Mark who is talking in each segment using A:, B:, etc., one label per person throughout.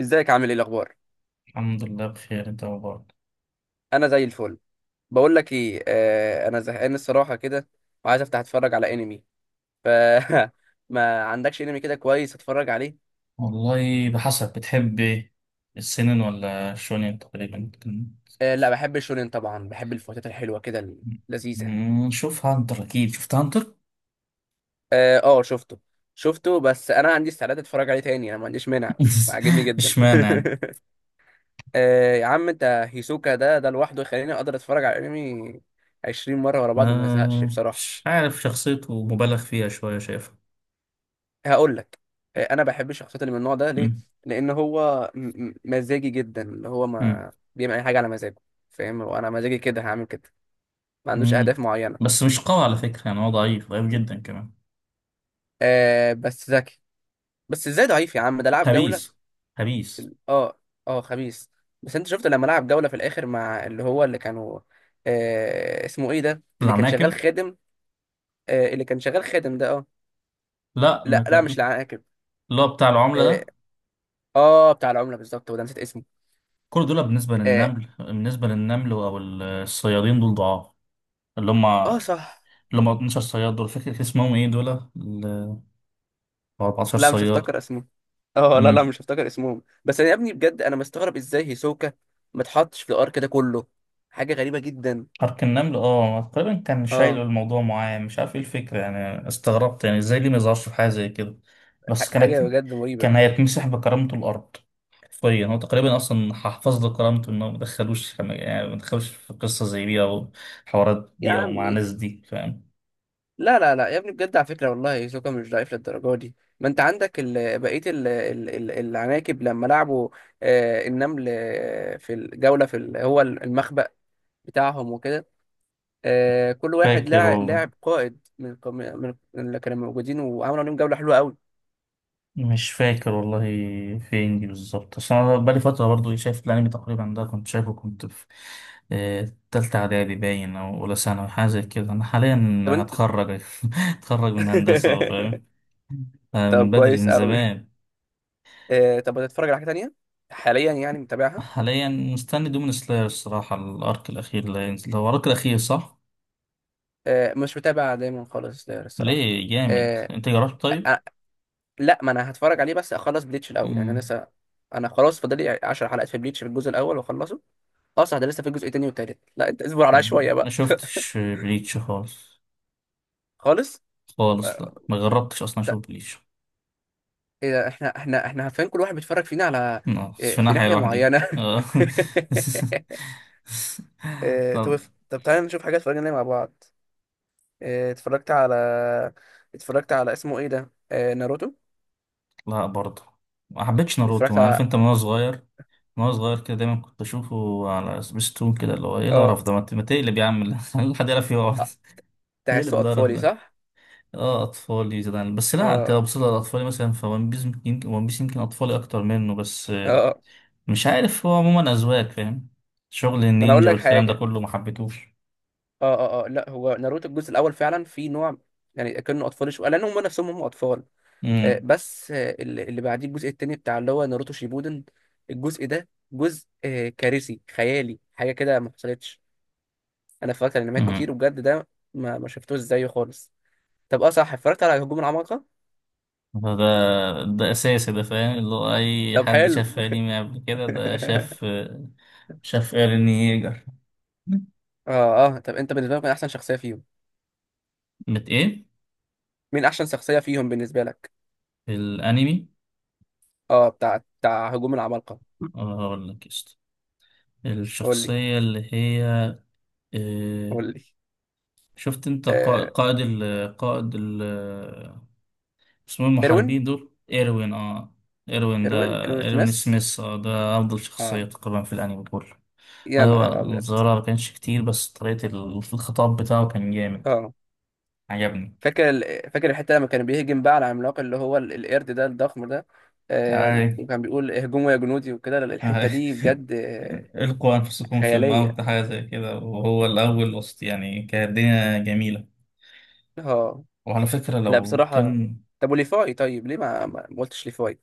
A: ازيك عامل ايه الاخبار؟
B: الحمد لله، بخير. انت مبارك؟
A: انا زي الفل. بقول لك ايه، انا زهقان الصراحه كده، وعايز افتح اتفرج على انمي. ف ما عندكش انمي كده كويس اتفرج عليه؟
B: والله بحسب، بتحب ايه؟ السنن ولا شونين تقريبا كان؟
A: آه لا، بحب الشونين طبعا، بحب الفوتات الحلوه كده اللذيذه.
B: شوف هانتر، اكيد شفت هانتر.
A: اه آه، شفته. شفته بس انا عندي استعداد اتفرج عليه تاني، انا ما عنديش مانع. عاجبني جدا.
B: اشمعنى يعني؟
A: آه يا عم انت، هيسوكا ده لوحده يخليني اقدر اتفرج على انمي 20 مره ورا بعض وما ازهقش
B: آه،
A: بصراحه.
B: مش عارف، شخصيته مبالغ فيها شوية شايفها.
A: هقول لك، آه، انا بحب الشخصيات اللي من النوع ده، ليه؟
B: مم.
A: لان هو مزاجي جدا، اللي هو
B: مم.
A: ما بيعمل اي حاجه على مزاجه، فاهم؟ وانا مزاجي كده هعمل كده، ما عندوش اهداف
B: مم.
A: معينه.
B: بس مش قوي على فكرة، يعني هو ضعيف ضعيف جدا كمان.
A: آه بس ذكي. بس ازاي ضعيف يا عم؟ ده لعب جوله.
B: خبيث، خبيث.
A: اه. اه خبيث. بس انت شفت لما لعب جوله في الاخر مع اللي هو اللي كانوا، آه اسمه ايه ده اللي كان شغال
B: العناكب.
A: خادم؟ آه اللي كان شغال خادم ده، اه.
B: لا، ما
A: لا لا مش
B: كان-
A: العاقب.
B: اللي هو بتاع العملة
A: اه،
B: ده.
A: آه بتاع العمله بالظبط، وده نسيت اسمه.
B: كل دول
A: اه،
B: بالنسبة للنمل أو الصيادين دول ضعاف. اللي هم
A: آه
B: اللي
A: صح.
B: هم 12 صياد، دول فاكر كان اسمهم ايه؟ دول ال 14
A: لا مش
B: صياد.
A: هفتكر اسمهم. اه لا لا
B: امم
A: مش هفتكر اسمهم، بس انا يا ابني بجد انا مستغرب ازاي هيسوكا ما اتحطش في الار كده كله. حاجه غريبه جدا.
B: حرك النمل، تقريبا كان شايله
A: اه،
B: الموضوع معاه، مش عارف ايه الفكرة يعني. استغربت، يعني ازاي ليه ما يظهرش في حاجة زي كده؟ بس كانت...
A: حاجه بجد مريبه.
B: كان هيتمسح بكرامته الأرض حرفيا. هو تقريبا أصلا حفظ له كرامته إنه ما دخلوش في قصة زي دي، أو حوارات
A: يا
B: دي، أو مع
A: عمي،
B: ناس دي، فاهم؟
A: لا لا لا يا ابني بجد على فكره والله هيسوكا مش ضعيف للدرجه دي، ما انت عندك بقيه العناكب لما لعبوا، آه النمل آه، في الجوله في هو المخبأ بتاعهم وكده. آه كل واحد
B: فاكر والله
A: لعب قائد من من اللي كانوا موجودين وعملوا عليهم جوله حلوه قوي.
B: مش فاكر والله. فين دي بالظبط؟ اصل انا بقالي فتره برضو شايف الانمي، تقريبا ده كنت شايفه، كنت في تالتة اعدادي باين، او اولى ثانوي حاجه زي كده. انا حاليا
A: طب انت،
B: هتخرج هتخرج من هندسه أهو، فاهم؟ آه،
A: طب
B: من بدري،
A: كويس
B: من
A: قوي.
B: زمان.
A: آه طب بتتفرج على حاجه تانية حاليا يعني، متابعها؟
B: حاليا مستني دومين سلاير الصراحه، الارك الاخير اللي هينزل هو الارك الاخير، صح؟
A: آه مش متابع دايما خالص ده الصراحه.
B: ليه، جامد؟
A: آه
B: انت جربت طيب؟
A: آه، لا ما انا هتفرج عليه بس اخلص بليتش الاول، يعني انا
B: مم.
A: لسه، انا خلاص فاضل لي 10 حلقات في بليتش في الجزء الاول واخلصه. اه صح، ده لسه في الجزء التاني والتالت، لا انت اصبر عليا شويه
B: ما
A: بقى.
B: شفتش بليتش خالص،
A: خالص.
B: خالص.
A: آه،
B: لا، ما جربتش اصلا
A: ت-
B: اشوف بليتش.
A: إيه ده، احنا احنا عارفين كل واحد بيتفرج فينا على،
B: آه،
A: إيه،
B: في
A: في
B: ناحية
A: ناحيه
B: لوحدي.
A: معينه.
B: آه.
A: آه، طب،
B: طب.
A: طب تعالى نشوف حاجه اتفرجنا عليها مع بعض. آه، اتفرجت على، اتفرجت على اسمه ايه ده، آه، ناروتو.
B: لا برضه، ما حبيتش ناروتو.
A: اتفرجت
B: أنا عارف
A: على،
B: انت من وانا صغير، كده دايما كنت اشوفه على سبيستون كده، اللي هو ايه
A: اه
B: القرف ده؟ ما تقلب يا عم. اللي حد يعرف يقعد
A: آه،
B: تقلب
A: تحسه
B: القرف
A: اطفالي
B: ده.
A: صح؟
B: اه، اطفالي زمان. بس لا، انت
A: اه
B: لو بصيت على اطفالي مثلا فون بيس يمكن ون بيس يمكن اطفالي اكتر منه. بس
A: اه آه.
B: مش عارف، هو عموما اذواق فاهم. شغل
A: ما انا اقول
B: النينجا
A: لك
B: والكلام ده
A: حاجه،
B: كله ما حبيتهوش.
A: اه اه اه، لا هو ناروتو الجزء الاول فعلا في نوع، يعني كانوا اطفال شويه لان هم نفسهم هم اطفال، آه، بس آه، اللي بعديه الجزء التاني بتاع اللي هو ناروتو شيبودن. الجزء ده جزء آه، كارثي خيالي حاجه كده ما حصلتش. انا اتفرجت على انميات كتير
B: امم
A: وبجد ده ما شفتوش زيه خالص. طب اه صح، اتفرجت على هجوم العمالقه.
B: فده ده أساسي، ده فاهم، اللي هو أي
A: طب
B: حد
A: حلو.
B: شاف أنمي قبل كده ده شاف. شاف إيرين ييجر.
A: اه اه طب انت بالنسبه لك مين احسن شخصيه فيهم؟
B: بت إيه؟
A: مين احسن شخصيه فيهم بالنسبه لك؟
B: الأنمي.
A: اه بتاع هجوم العمالقه.
B: أقول لك قشطة.
A: قول لي.
B: الشخصية اللي هي آه،
A: قول لي.
B: شفت أنت
A: آه،
B: قا- قائد ال قائد ال اسمه إيه
A: اروين،
B: المحاربين دول؟ إيروين، أه. إيروين ده،
A: اروين
B: إيروين
A: سميث.
B: سميث، أه. ده أفضل شخصية
A: اه
B: تقريبا في الأنمي كله.
A: يا
B: أيوة،
A: نهار ابيض.
B: الظاهرة ما كانش كتير، بس طريقة الخطاب بتاعه كان جامد.
A: اه، فاكر فاكر الحته لما كان بيهجم بقى على العملاق اللي هو القرد ده الضخم ده، آه
B: عجبني.
A: وكان بيقول اهجموا يا جنودي وكده، الحته دي بجد آه،
B: القوا انفسكم في
A: خياليه.
B: الموت، حاجه زي كده، وهو الاول وسط يعني كانت الدنيا جميله.
A: اه
B: وعلى فكره
A: لا
B: لو
A: بصراحه،
B: كان...
A: طب وليفاي طيب ليه ما قلتش ليفاي؟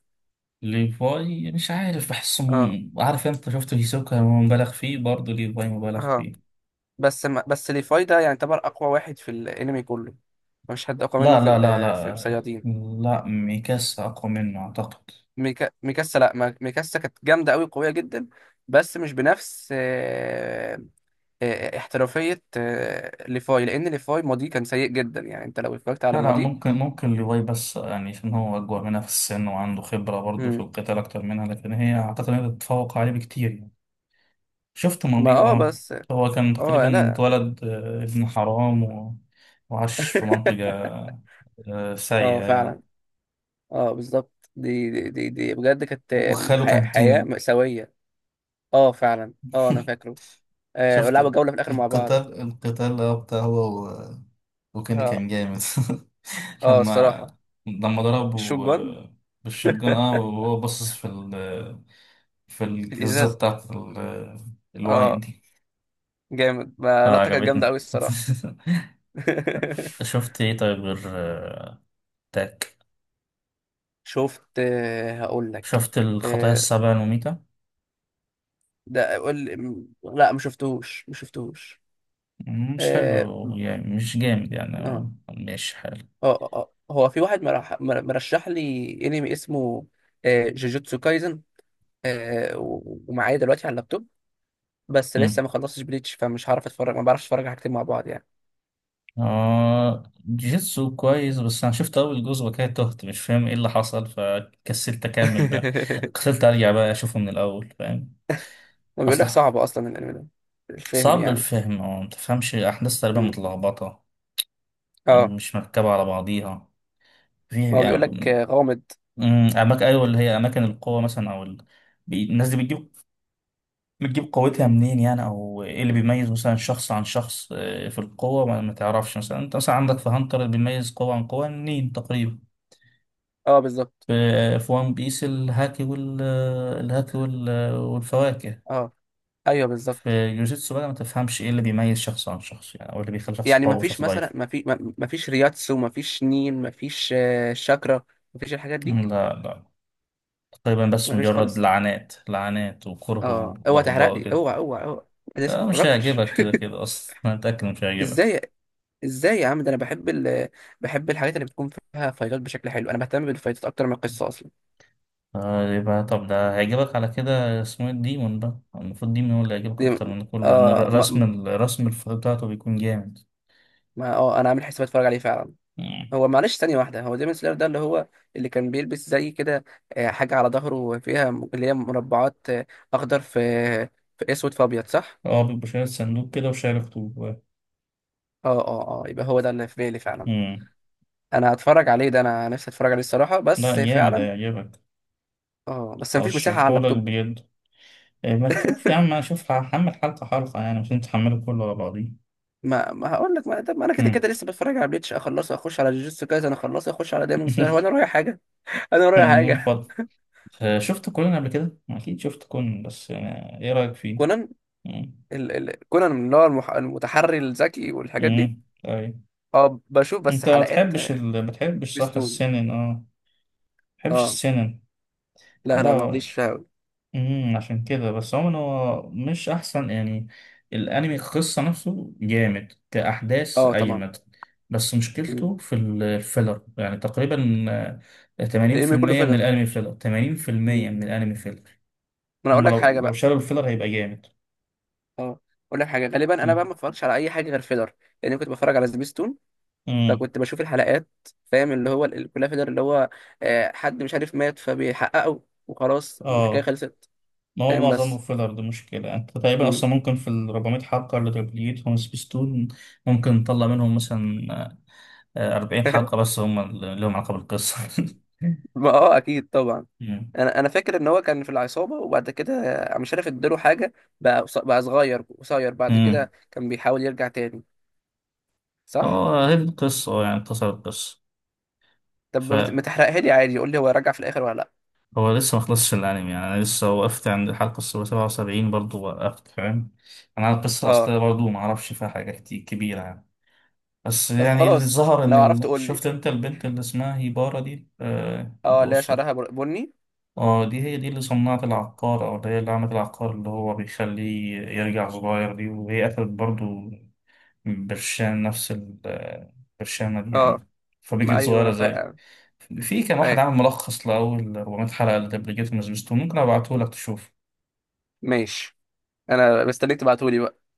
B: ليفاي مش عارف، بحسه
A: اه
B: عارف انت شفت هيسوكا هو مبالغ فيه، برضه ليفاي مبالغ
A: اه
B: فيه.
A: بس، ما بس ليفاي ده يعني يعتبر اقوى واحد في الانمي كله، مفيش حد اقوى منه
B: لا،
A: في
B: لا، لا،
A: في
B: لا.
A: الصيادين.
B: لا، ميكاسا اقوى منه اعتقد.
A: ميكاسا، لا ما- ميكاسا كانت جامده قوي، قويه جدا، بس مش بنفس آه، آه، آه، احترافيه آه، ليفاي، لان ليفاي ماضيه كان سيء جدا، يعني انت لو اتفرجت على
B: لا، لا،
A: ماضيه.
B: ممكن ممكن ليفاي، بس يعني عشان هو اكبر منها في السن، وعنده خبره برضه في
A: مم.
B: القتال اكتر منها، لكن هي اعتقد انها تتفوق عليه بكتير. شفت
A: ما
B: ماضي،
A: اه
B: اه.
A: بس،
B: هو كان
A: اه
B: تقريبا
A: لا،
B: اتولد ابن حرام و... وعاش في منطقة
A: اه
B: سيئة يعني.
A: فعلا. اه بالظبط، دي بجد كانت
B: وخاله كان
A: حياه
B: كيني.
A: مأساويه. اه فعلا اه انا فاكره. آه ولعبوا
B: شفت
A: جوله في الاخر مع بعض.
B: القتال، بتاع هو و... وكيني
A: اه.
B: كان جامد.
A: اه
B: لما
A: الصراحة، الشوت
B: ضربه
A: جون.
B: بالشوتجان، اه. وهو باصص في
A: في
B: الجزة
A: الإزازة.
B: بتاعت ال... الواين
A: اه
B: دي.
A: جامد،
B: اه،
A: ما لقطة كانت جامدة
B: عجبتني.
A: أوي الصراحة.
B: شفت ايه طيب، غير تاك؟
A: شفت آه، هقول لك.
B: شفت الخطايا
A: آه،
B: السبعة المميتة؟
A: ده قول لا ما شفتوش.
B: مش
A: اه
B: حلو يعني، مش جامد يعني،
A: اه
B: مش حلو.
A: اه آه. آه. هو في واحد مرشح لي انمي اسمه آه، جوجوتسو كايزن، آه، ومعايا دلوقتي على اللابتوب، بس
B: مم.
A: لسه ما خلصتش بليتش فمش هعرف اتفرج، ما بعرفش اتفرج على حاجتين مع بعض يعني.
B: آه، جيتسو كويس، بس أنا شفت أول جزء وكده تهت، مش فاهم إيه اللي حصل، فكسلت أكمل بقى. كسلت أرجع بقى أشوفه من الأول، فاهم؟
A: وبيقول لك
B: أصلا
A: صعب اصلا الانمي ده الفهم
B: صعب
A: يعني.
B: الفهم، أو متفهمش أحداث، تقريبا
A: مم.
B: متلخبطة. يعني
A: اه
B: مش مركبة على بعضيها. في
A: ما هو بيقول لك
B: يعني...
A: غامض.
B: أماكن، أيوة، اللي هي أماكن القوة مثلا، أو ال... الناس دي بتجيب قوتها منين يعني؟ او ايه اللي بيميز مثلا شخص عن شخص في القوة؟ ما تعرفش، مثلا انت مثلا عندك في هانتر اللي بيميز قوة عن قوة منين تقريبا.
A: اه بالظبط.
B: في في وان بيس الهاكي وال والفواكه.
A: اه ايوه بالظبط.
B: في جوجيتسو بقى، ما تفهمش ايه اللي بيميز شخص عن شخص يعني، او اللي بيخلي شخص
A: يعني
B: قوي
A: ما فيش
B: وشخص
A: مثلا
B: ضعيف.
A: ما فيش رياتسو، ما فيش نين، ما فيش آه، شاكرا، ما فيش الحاجات دي.
B: لا، لا. تقريبا بس
A: ما فيش
B: مجرد
A: خالص.
B: لعنات، لعنات وكره
A: اه اوعى تحرق
B: وبغضاء
A: لي،
B: كده.
A: اوعى انا لسه
B: آه،
A: ما
B: مش
A: اتفرجتش.
B: هيعجبك كده كده، اصلا انا متأكد إنه مش هيعجبك.
A: ازاي؟ ازاي يا عم؟ ده انا بحب بحب الحاجات اللي بتكون فيها فايتات بشكل حلو، انا بهتم بالفايتات اكتر من القصه اصلا.
B: يبقى طب ده هيعجبك على كده، اسمه ايه الديمون بقى، المفروض ديمون هو اللي هيعجبك
A: دي...
B: اكتر من كله، لان
A: اه
B: رسم
A: ما...
B: الرسم بتاعته بيكون جامد.
A: ما اه انا عامل حساب اتفرج عليه فعلا.
B: مم.
A: هو معلش ثانية واحدة، هو ديمون سلاير ده اللي هو اللي كان بيلبس زي كده آه، حاجة على ظهره فيها اللي هي مربعات آه، أخضر في في أسود في أبيض صح؟
B: اه، بيبقى شايل صندوق كده وشايل خطوط.
A: اه اه اه يبقى هو ده اللي في بالي فعلا.
B: مم.
A: أنا هتفرج عليه ده، أنا نفسي أتفرج عليه الصراحة
B: لا،
A: بس
B: جامد،
A: فعلا.
B: هيعجبك.
A: اه بس مفيش مساحة على
B: ارشحهولك
A: اللابتوب.
B: بجد. إيه، ما تشوف يا عم، اشوف هحمل حلقة حلقة يعني، مش انت تحمله كله على بعضيه.
A: ما ما هقول لك ما, طب ما أنا كده
B: مم.
A: كده لسه بتفرج على بليتش، أخلصه أخش على جوجوتسو كايزن، أخلصه أخش على ديمون سلاير، هو أنا رايح حاجة؟ أنا رايح
B: من
A: حاجة؟
B: فضل... آه، شفت كونان قبل كده؟ أكيد شفت كونان، بس يعني إيه رأيك فيه؟
A: كونان.
B: مم.
A: كونان اللي هو المتحري الذكي والحاجات دي؟
B: مم. طيب.
A: اه بشوف بس
B: أنت ما
A: حلقات
B: بتحبش
A: آه،
B: صح،
A: سبيستون.
B: السنن، اه. بحبش
A: اه
B: السينما.
A: لا لا
B: لا.
A: ماليش فيها أوي.
B: عشان كده بس، عموما هو مش احسن يعني. الانمي القصه نفسه جامد كاحداث،
A: اه طبعا.
B: اجمد. بس
A: مم.
B: مشكلته في الفيلر يعني تقريبا.
A: الانمي كله
B: 80% من
A: فيلر.
B: الانمي فيلر،
A: مم. ما
B: 80% من الانمي فيلر.
A: انا اقول
B: هما
A: لك حاجه
B: لو
A: بقى،
B: شالوا الفيلر هيبقى جامد.
A: اه اقول لك حاجه، غالبا انا بقى
B: امم
A: ما اتفرجش على اي حاجه غير فيلر، لان كنت بتفرج على سبيستون،
B: أمم.
A: فكنت بشوف الحلقات فاهم، اللي هو كلها فيلر، اللي هو آه، حد مش عارف مات فبيحققه وخلاص الحكايه
B: اه،
A: خلصت.
B: ما هو
A: فاهم؟
B: معظمه
A: بس،
B: فيلر، دي مشكلة. انت تقريبا
A: مم.
B: اصلا ممكن في ال 400 حلقة اللي تبليتهم سبيستون، ممكن نطلع منهم مثلا 40 حلقة بس هم اللي لهم علاقة بالقصة.
A: ما اه اكيد طبعا.
B: مم.
A: انا فاكر ان هو كان في العصابه وبعد كده آه، مش عارف اداله حاجه بقى بقى صغير قصير، بعد
B: مم.
A: كده كان بيحاول يرجع تاني، صح؟
B: اه، هي دي القصة. يعني اختصر القصة،
A: طب ما
B: فهو...
A: تحرقها لي عادي، قول لي هو راجع في الاخر ولا لا؟
B: لسه ما خلصش الأنمي يعني. أنا لسه وقفت عند الحلقة 77، برضه وقفت، فاهم؟ أنا على القصة
A: اه
B: الأصلية برضه ما أعرفش فيها حاجة كتير كبيرة يعني. بس
A: طب
B: يعني اللي
A: خلاص
B: ظهر إن
A: لو عرفت
B: ال...
A: قول لي.
B: شفت أنت البنت اللي اسمها هيبارا دي
A: اه اللي هي
B: القصة.
A: شعرها بني.
B: اه، دي هي دي اللي صنعت العقار، أو اللي هي اللي عملت العقار اللي هو بيخليه يرجع صغير دي، وهي قتلت برضه برشام نفس ال- برشامة دي
A: اه
B: يعني.
A: ما
B: فبيجت
A: ايوه انا
B: صغيرة زي...
A: فاهم.
B: في كان واحد
A: فاهم.
B: عامل ملخص لأول 400 حلقة لدبلجيت من سبيستون، ممكن أبعته لك تشوف.
A: ماشي. انا مستنيك تبعتولي بقى.